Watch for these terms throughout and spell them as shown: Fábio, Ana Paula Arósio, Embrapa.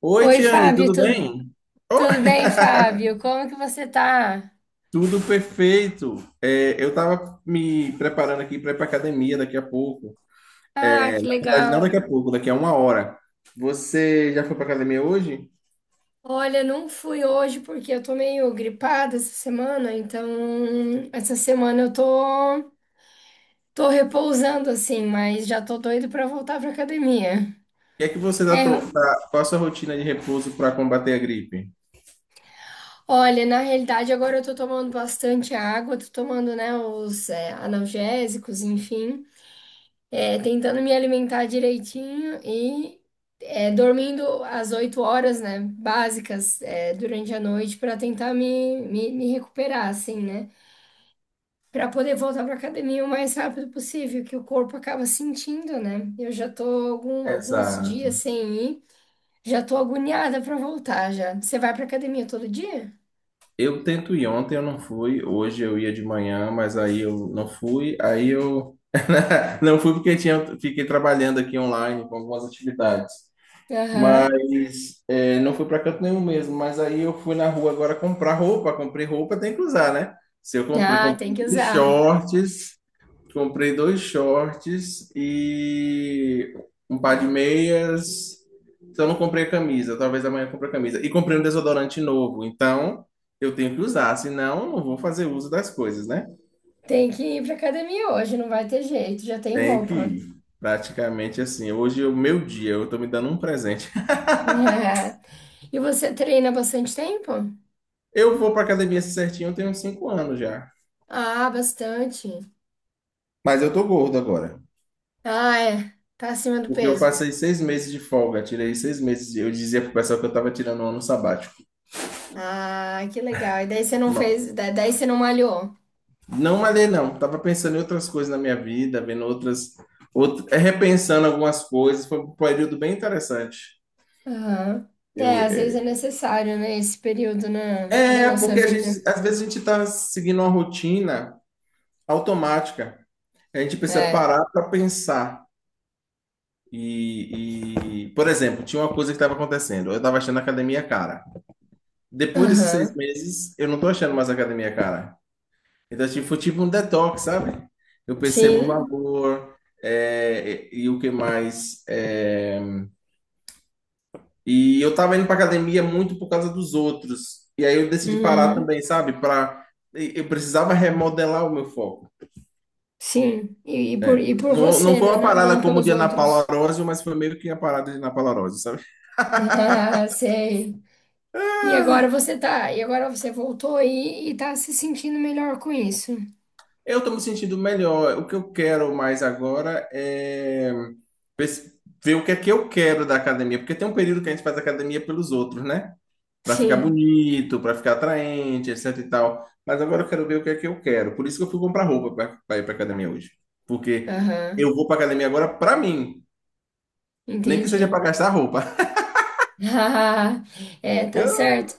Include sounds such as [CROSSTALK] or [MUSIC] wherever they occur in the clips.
Oi, Oi, Tiane, Fábio, tudo bem? Oh, tudo bem, Fábio? [LAUGHS] Como que você tá? tudo perfeito. Eu estava me preparando aqui para ir para academia daqui a pouco. Ah, Na que verdade, não daqui legal. a pouco, daqui a uma hora. Você já foi para academia hoje? O Olha, não fui hoje porque eu tô meio gripada essa semana, então essa semana eu tô repousando assim, mas já tô doido pra voltar pra academia. que é que você tá, to- É, tá- qual a sua rotina de repouso para combater a gripe? olha, na realidade agora eu tô tomando bastante água, tô tomando, né, os analgésicos, enfim. Tentando me alimentar direitinho e dormindo as 8 horas, né, básicas, durante a noite para tentar me recuperar, assim, né? Para poder voltar para academia o mais rápido possível, que o corpo acaba sentindo, né? Eu já tô alguns dias Exato. sem ir, já tô agoniada para voltar já. Você vai para academia todo dia? Eu tento ir ontem, eu não fui. Hoje eu ia de manhã, mas aí eu não fui. Aí eu [LAUGHS] não fui porque tinha, fiquei trabalhando aqui online com algumas atividades. Aham. Não fui para canto nenhum mesmo. Mas aí eu fui na rua agora comprar roupa. Comprei roupa, tem que usar, né? Se eu comprei, Ah, tem que usar. Comprei dois shorts e um par de meias. Então não comprei a camisa. Talvez amanhã eu compre a camisa. E comprei um desodorante novo. Então eu tenho que usar, senão eu não vou fazer uso das coisas, né? Tem que ir para academia hoje, não vai ter jeito, já tem Tenho que roupa. ir. Praticamente assim. Hoje é o meu dia. Eu tô me dando um presente. [LAUGHS] [LAUGHS] E você treina há bastante tempo? Eu vou para academia assim certinho, eu tenho uns cinco anos já. Ah, bastante. Mas eu tô gordo agora. Ah, é. Tá acima do Porque eu peso. passei seis meses de folga, tirei seis meses. Eu dizia pro pessoal que eu tava tirando um ano sabático. Ah, que legal. E daí você não Ma- fez, daí você não malhou. Não malhei, não. Tava pensando em outras coisas na minha vida, vendo outras. Repensando algumas coisas. Foi um período bem interessante. Aham. Eu, É, às vezes é, é necessário, né, esse período na nossa porque vida. Às vezes a gente tá seguindo uma rotina automática. A gente precisa É. parar para pensar. Por exemplo, tinha uma coisa que estava acontecendo. Eu estava achando a academia cara. Depois desses seis Aham. meses, eu não tô achando mais academia, cara. Então, tipo, foi tipo um detox, sabe? Eu percebo o Sim. valor, é, e o que mais. É, e eu tava indo pra academia muito por causa dos outros. E aí eu decidi parar Uhum. também, sabe? Eu precisava remodelar o meu foco. Sim. E por Não, não você, foi né? uma parada Não como o pelos de Ana Paula outros. Arósio, mas foi meio que a parada de Ana Paula Arósio, sabe? [LAUGHS] Ah, sei. E agora você voltou aí e tá se sentindo melhor com isso. Eu estou me sentindo melhor. O que eu quero mais agora é pes- ver o que é que eu quero da academia, porque tem um período que a gente faz academia pelos outros, né? Para ficar Sim. bonito, para ficar atraente, etc e tal. Mas agora eu quero ver o que é que eu quero. Por isso que eu fui comprar roupa para ir para academia hoje. Porque Aham. eu vou para academia agora para mim, nem que Entendi. seja para gastar roupa. [LAUGHS] É, [LAUGHS] tá Eu- certo.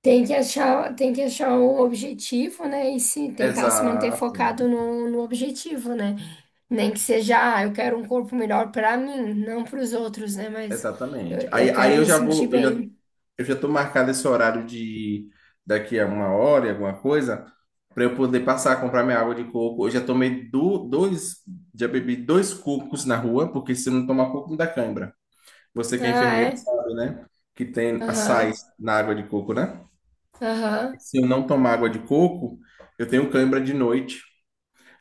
Tem que achar um objetivo, né? E se tentar se manter Exato. focado no objetivo, né? Nem que seja, ah, eu quero um corpo melhor pra mim, não para os outros, né? Mas eu, Exatamente. Aí, eu aí quero eu me já sentir vou, bem. eu já estou marcado esse horário de daqui a uma hora, e alguma coisa, para eu poder passar a comprar minha água de coco. Eu já tomei do, dois, já bebi dois cocos na rua, porque se não tomar coco, me dá cãibra. Você que é Ah, enfermeira é? sabe, né? Que tem açaí Aham, na água de coco, né? aham. Se eu não tomar água de coco, eu tenho cãibra de noite.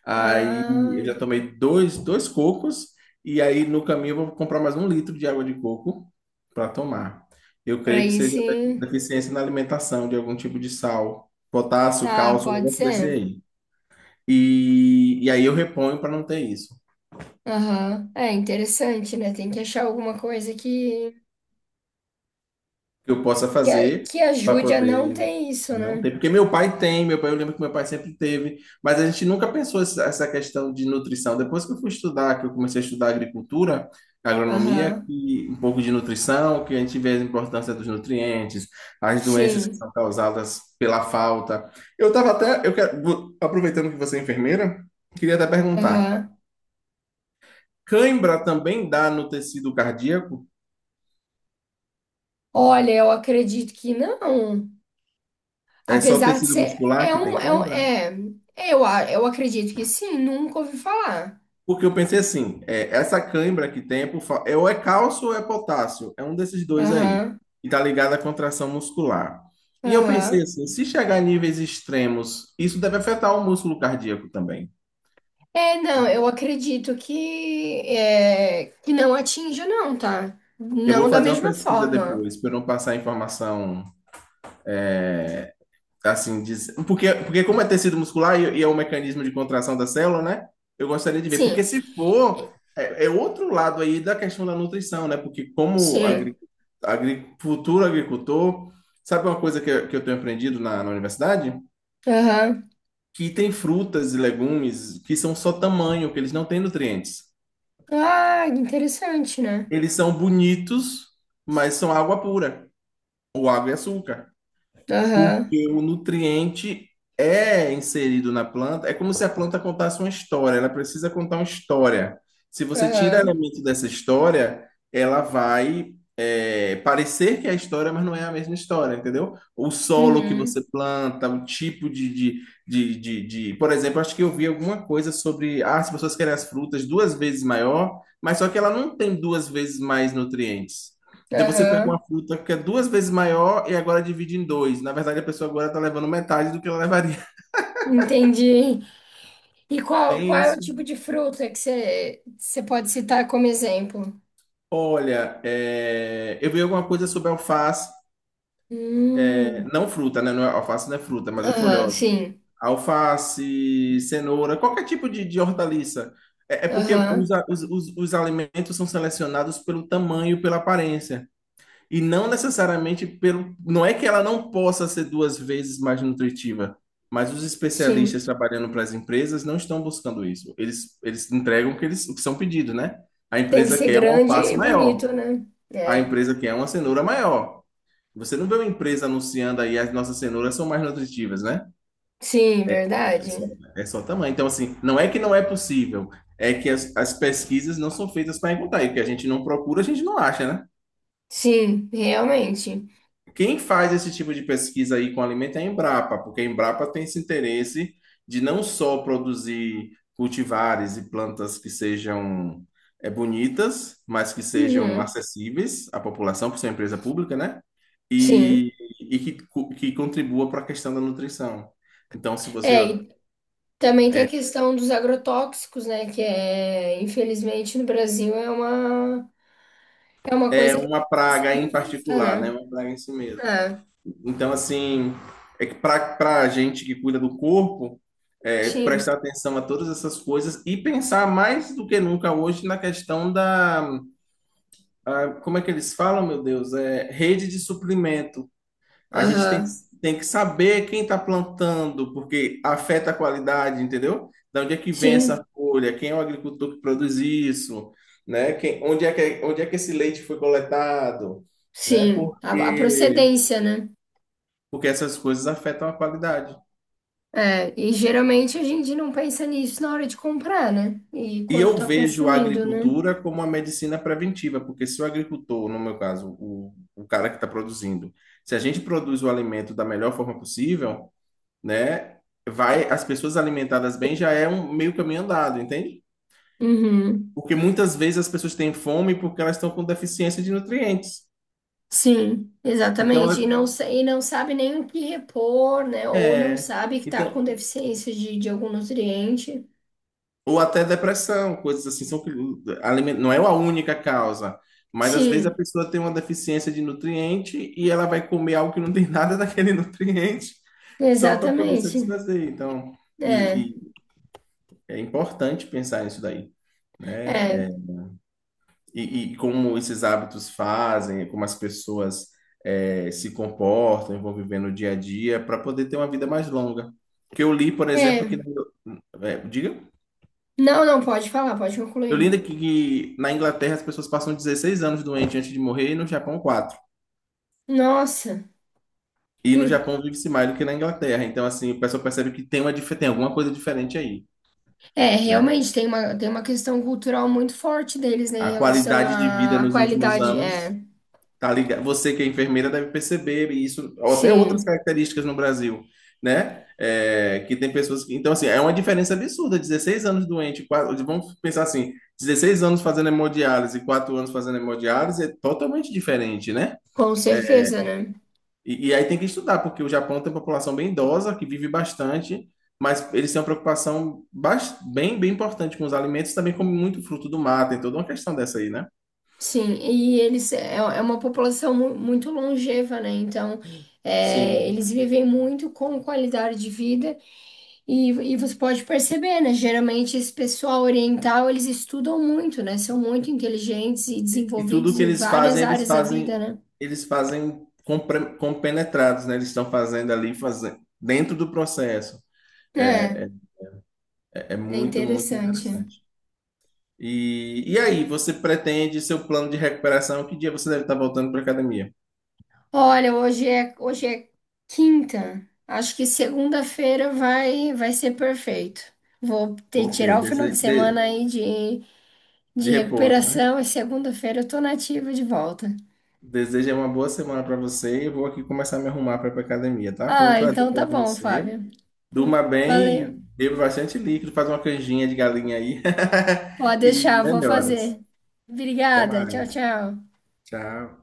Aí eu Ah, já tomei dois cocos, e aí no caminho eu vou comprar mais um litro de água de coco para tomar. Eu pra creio que aí seja sim. deficiência na alimentação de algum tipo de sal, potássio, Ah, cálcio, um pode negócio desse ser. aí. E aí eu reponho para não ter isso. O Aham. É interessante, né? Tem que achar alguma coisa que, que eu possa que, fazer que para ajude a não poder. ter isso, Não né? tem, porque meu pai tem, meu pai, eu lembro que meu pai sempre teve, mas a gente nunca pensou essa questão de nutrição. Depois que eu fui estudar, que eu comecei a estudar agricultura, agronomia, Aham. que um pouco de nutrição, que a gente vê a importância dos nutrientes, as doenças que são Sim. causadas pela falta. Eu estava até, eu quero, vou- aproveitando que você é enfermeira, queria até perguntar: Aham. cãibra também dá no tecido cardíaco? Olha, eu acredito que não. É só Apesar de tecido ser. muscular É que tem um. cãibra? Eu acredito que sim, nunca ouvi falar. Porque eu pensei assim, essa cãibra que tem é ou é cálcio ou é potássio, é um desses dois aí, Aham. e tá ligado à contração muscular. E eu pensei Aham. assim, se chegar a níveis extremos, isso deve afetar o músculo cardíaco também. É, não, eu acredito que. É, que não atinja, não, tá? Eu vou Não da fazer uma mesma pesquisa forma. depois, para não passar informação assim, porque, porque como é tecido muscular e é um mecanismo de contração da célula, né? Eu gostaria de ver, porque Sim. se for, é outro lado aí da questão da nutrição, né? Porque como Sim. Futuro agricultor, sabe uma coisa que, que eu tenho aprendido na universidade? Aham. Que tem frutas e legumes que são só tamanho, que eles não têm nutrientes. Ah, interessante, né? Eles são bonitos, mas são água pura, ou água e açúcar. Aham. Porque o nutriente é inserido na planta, é como se a planta contasse uma história, ela precisa contar uma história. Se você tira Aham. elemento dessa história, ela vai parecer que é a história, mas não é a mesma história, entendeu? O solo que você Uhum. planta, o tipo de. Por exemplo, acho que eu vi alguma coisa sobre. Ah, as pessoas querem as frutas duas vezes maior, mas só que ela não tem duas vezes mais nutrientes. Então você pega uma Aham. fruta que é duas vezes maior e agora divide em dois. Na verdade, a pessoa agora está levando metade do que ela levaria. Entendi. E [LAUGHS] qual Tem é o isso. tipo de fruta que você pode citar como exemplo? Olha, é, eu vi alguma coisa sobre alface. É, Hum, não fruta, né? Alface não é fruta, mas é aham, folhosa. sim. Alface, cenoura, qualquer tipo de hortaliça. É porque os, Aham, a- os, os alimentos são selecionados pelo tamanho, pela aparência. E não necessariamente pelo. Não é que ela não possa ser duas vezes mais nutritiva, mas os sim. especialistas trabalhando para as empresas não estão buscando isso. Eles entregam o que, eles, o que são pedidos, né? A Tem que empresa ser quer um grande alface e bonito, maior, né? a É. empresa quer uma cenoura maior. Você não vê uma empresa anunciando aí as nossas cenouras são mais nutritivas, né? Sim, É só, verdade. é só tamanho. Então, assim, não é que não é possível, é que as pesquisas não são feitas para encontrar. E o que a gente não procura, a gente não acha, né? Sim, realmente. Quem faz esse tipo de pesquisa aí com alimento é a Embrapa, porque a Embrapa tem esse interesse de não só produzir cultivares e plantas que sejam bonitas, mas que sejam Uhum, acessíveis à população, por ser uma empresa pública, né? sim. E, que contribua para a questão da nutrição. Então, se você É, ó, e também tem a questão dos agrotóxicos, né? Que é, infelizmente, no Brasil é uma, é coisa que uma precisa praga ser em revista, particular, né? né? Uma praga em si mesmo. É, Então, assim, é que para a gente que cuida do corpo, é, sim. prestar atenção a todas essas coisas e pensar mais do que nunca hoje na questão da, como é que eles falam, meu Deus, é rede de suplemento. A gente Aham, tem que saber quem está plantando, porque afeta a qualidade, entendeu? Da onde é que vem sim. essa folha? Quem é o agricultor que produz isso? Né? Quem, onde é que esse leite foi coletado? Né? Sim, a procedência, né? Porque essas coisas afetam a qualidade. É, e geralmente a gente não pensa nisso na hora de comprar, né? E E quando eu tá vejo a consumindo, né? agricultura como uma medicina preventiva, porque se o agricultor, no meu caso, o cara que está produzindo, se a gente produz o alimento da melhor forma possível, né, vai, as pessoas alimentadas bem já é um meio caminho andado, entende? Uhum. Porque muitas vezes as pessoas têm fome porque elas estão com deficiência de nutrientes. Sim, Então, exatamente. E elas- não, sa- e não sabe nem o que repor, né? Ou não é, sabe que tá com então. deficiência de algum nutriente. Ou até depressão, coisas assim, são, não é a única causa, mas às vezes a Sim, pessoa tem uma deficiência de nutriente e ela vai comer algo que não tem nada daquele [LAUGHS] nutriente só para poder exatamente. satisfazer. Então, É, e, e é importante pensar nisso daí, né? É, é, E, e como esses hábitos fazem, como as pessoas se comportam, e vão viver no dia a dia, para poder ter uma vida mais longa. Que eu li, por exemplo, que. é. É, diga? Não, não, pode falar, pode Eu concluir. lembro que na Inglaterra as pessoas passam 16 anos doentes antes de morrer e no Japão 4. Nossa. E no Hum. Japão vive-se mais do que na Inglaterra. Então, assim, o pessoal percebe que tem, tem alguma coisa diferente aí, É, né? realmente tem uma, questão cultural muito forte deles, né, em A relação qualidade de vida à nos últimos qualidade. É, anos tá ligado. Você que é enfermeira deve perceber isso, ou até outras sim, características no Brasil, né? É, que tem pessoas que. Então, assim, é uma diferença absurda. 16 anos doente, quase, vamos pensar assim, 16 anos fazendo hemodiálise e 4 anos fazendo hemodiálise é totalmente diferente, né? com certeza, né? E aí tem que estudar, porque o Japão tem uma população bem idosa, que vive bastante, mas eles têm uma preocupação bem importante com os alimentos, também comem muito fruto do mar, tem toda uma questão dessa aí, né? Sim, e eles é uma população muito longeva, né? Então, Sim. eles vivem muito com qualidade de vida e você pode perceber, né? Geralmente esse pessoal oriental, eles estudam muito, né? São muito inteligentes e E tudo desenvolvidos que em eles várias fazem, áreas da vida, né? eles fazem compenetrados, né? Eles estão fazendo ali, fazendo, dentro do processo. É, É, é é muito, muito interessante. interessante. Você pretende seu plano de recuperação? Que dia você deve estar voltando para a academia? Olha, hoje é quinta. Acho que segunda-feira vai ser perfeito. Vou ter que Ok, tirar o final desse- de semana de, aí de, de de repouso, né? recuperação e segunda-feira eu tô nativa de volta. Desejo uma boa semana para você. Eu vou aqui começar a me arrumar para ir para academia, tá? Foi um Ah, prazer então tá falar com bom, você. Fábio. Durma bem e Valeu. beba bastante líquido, faz uma canjinha de galinha aí. [LAUGHS] Pode E deixar, vou melhoras. fazer. Até Obrigada. Tchau, mais. tchau. Tchau.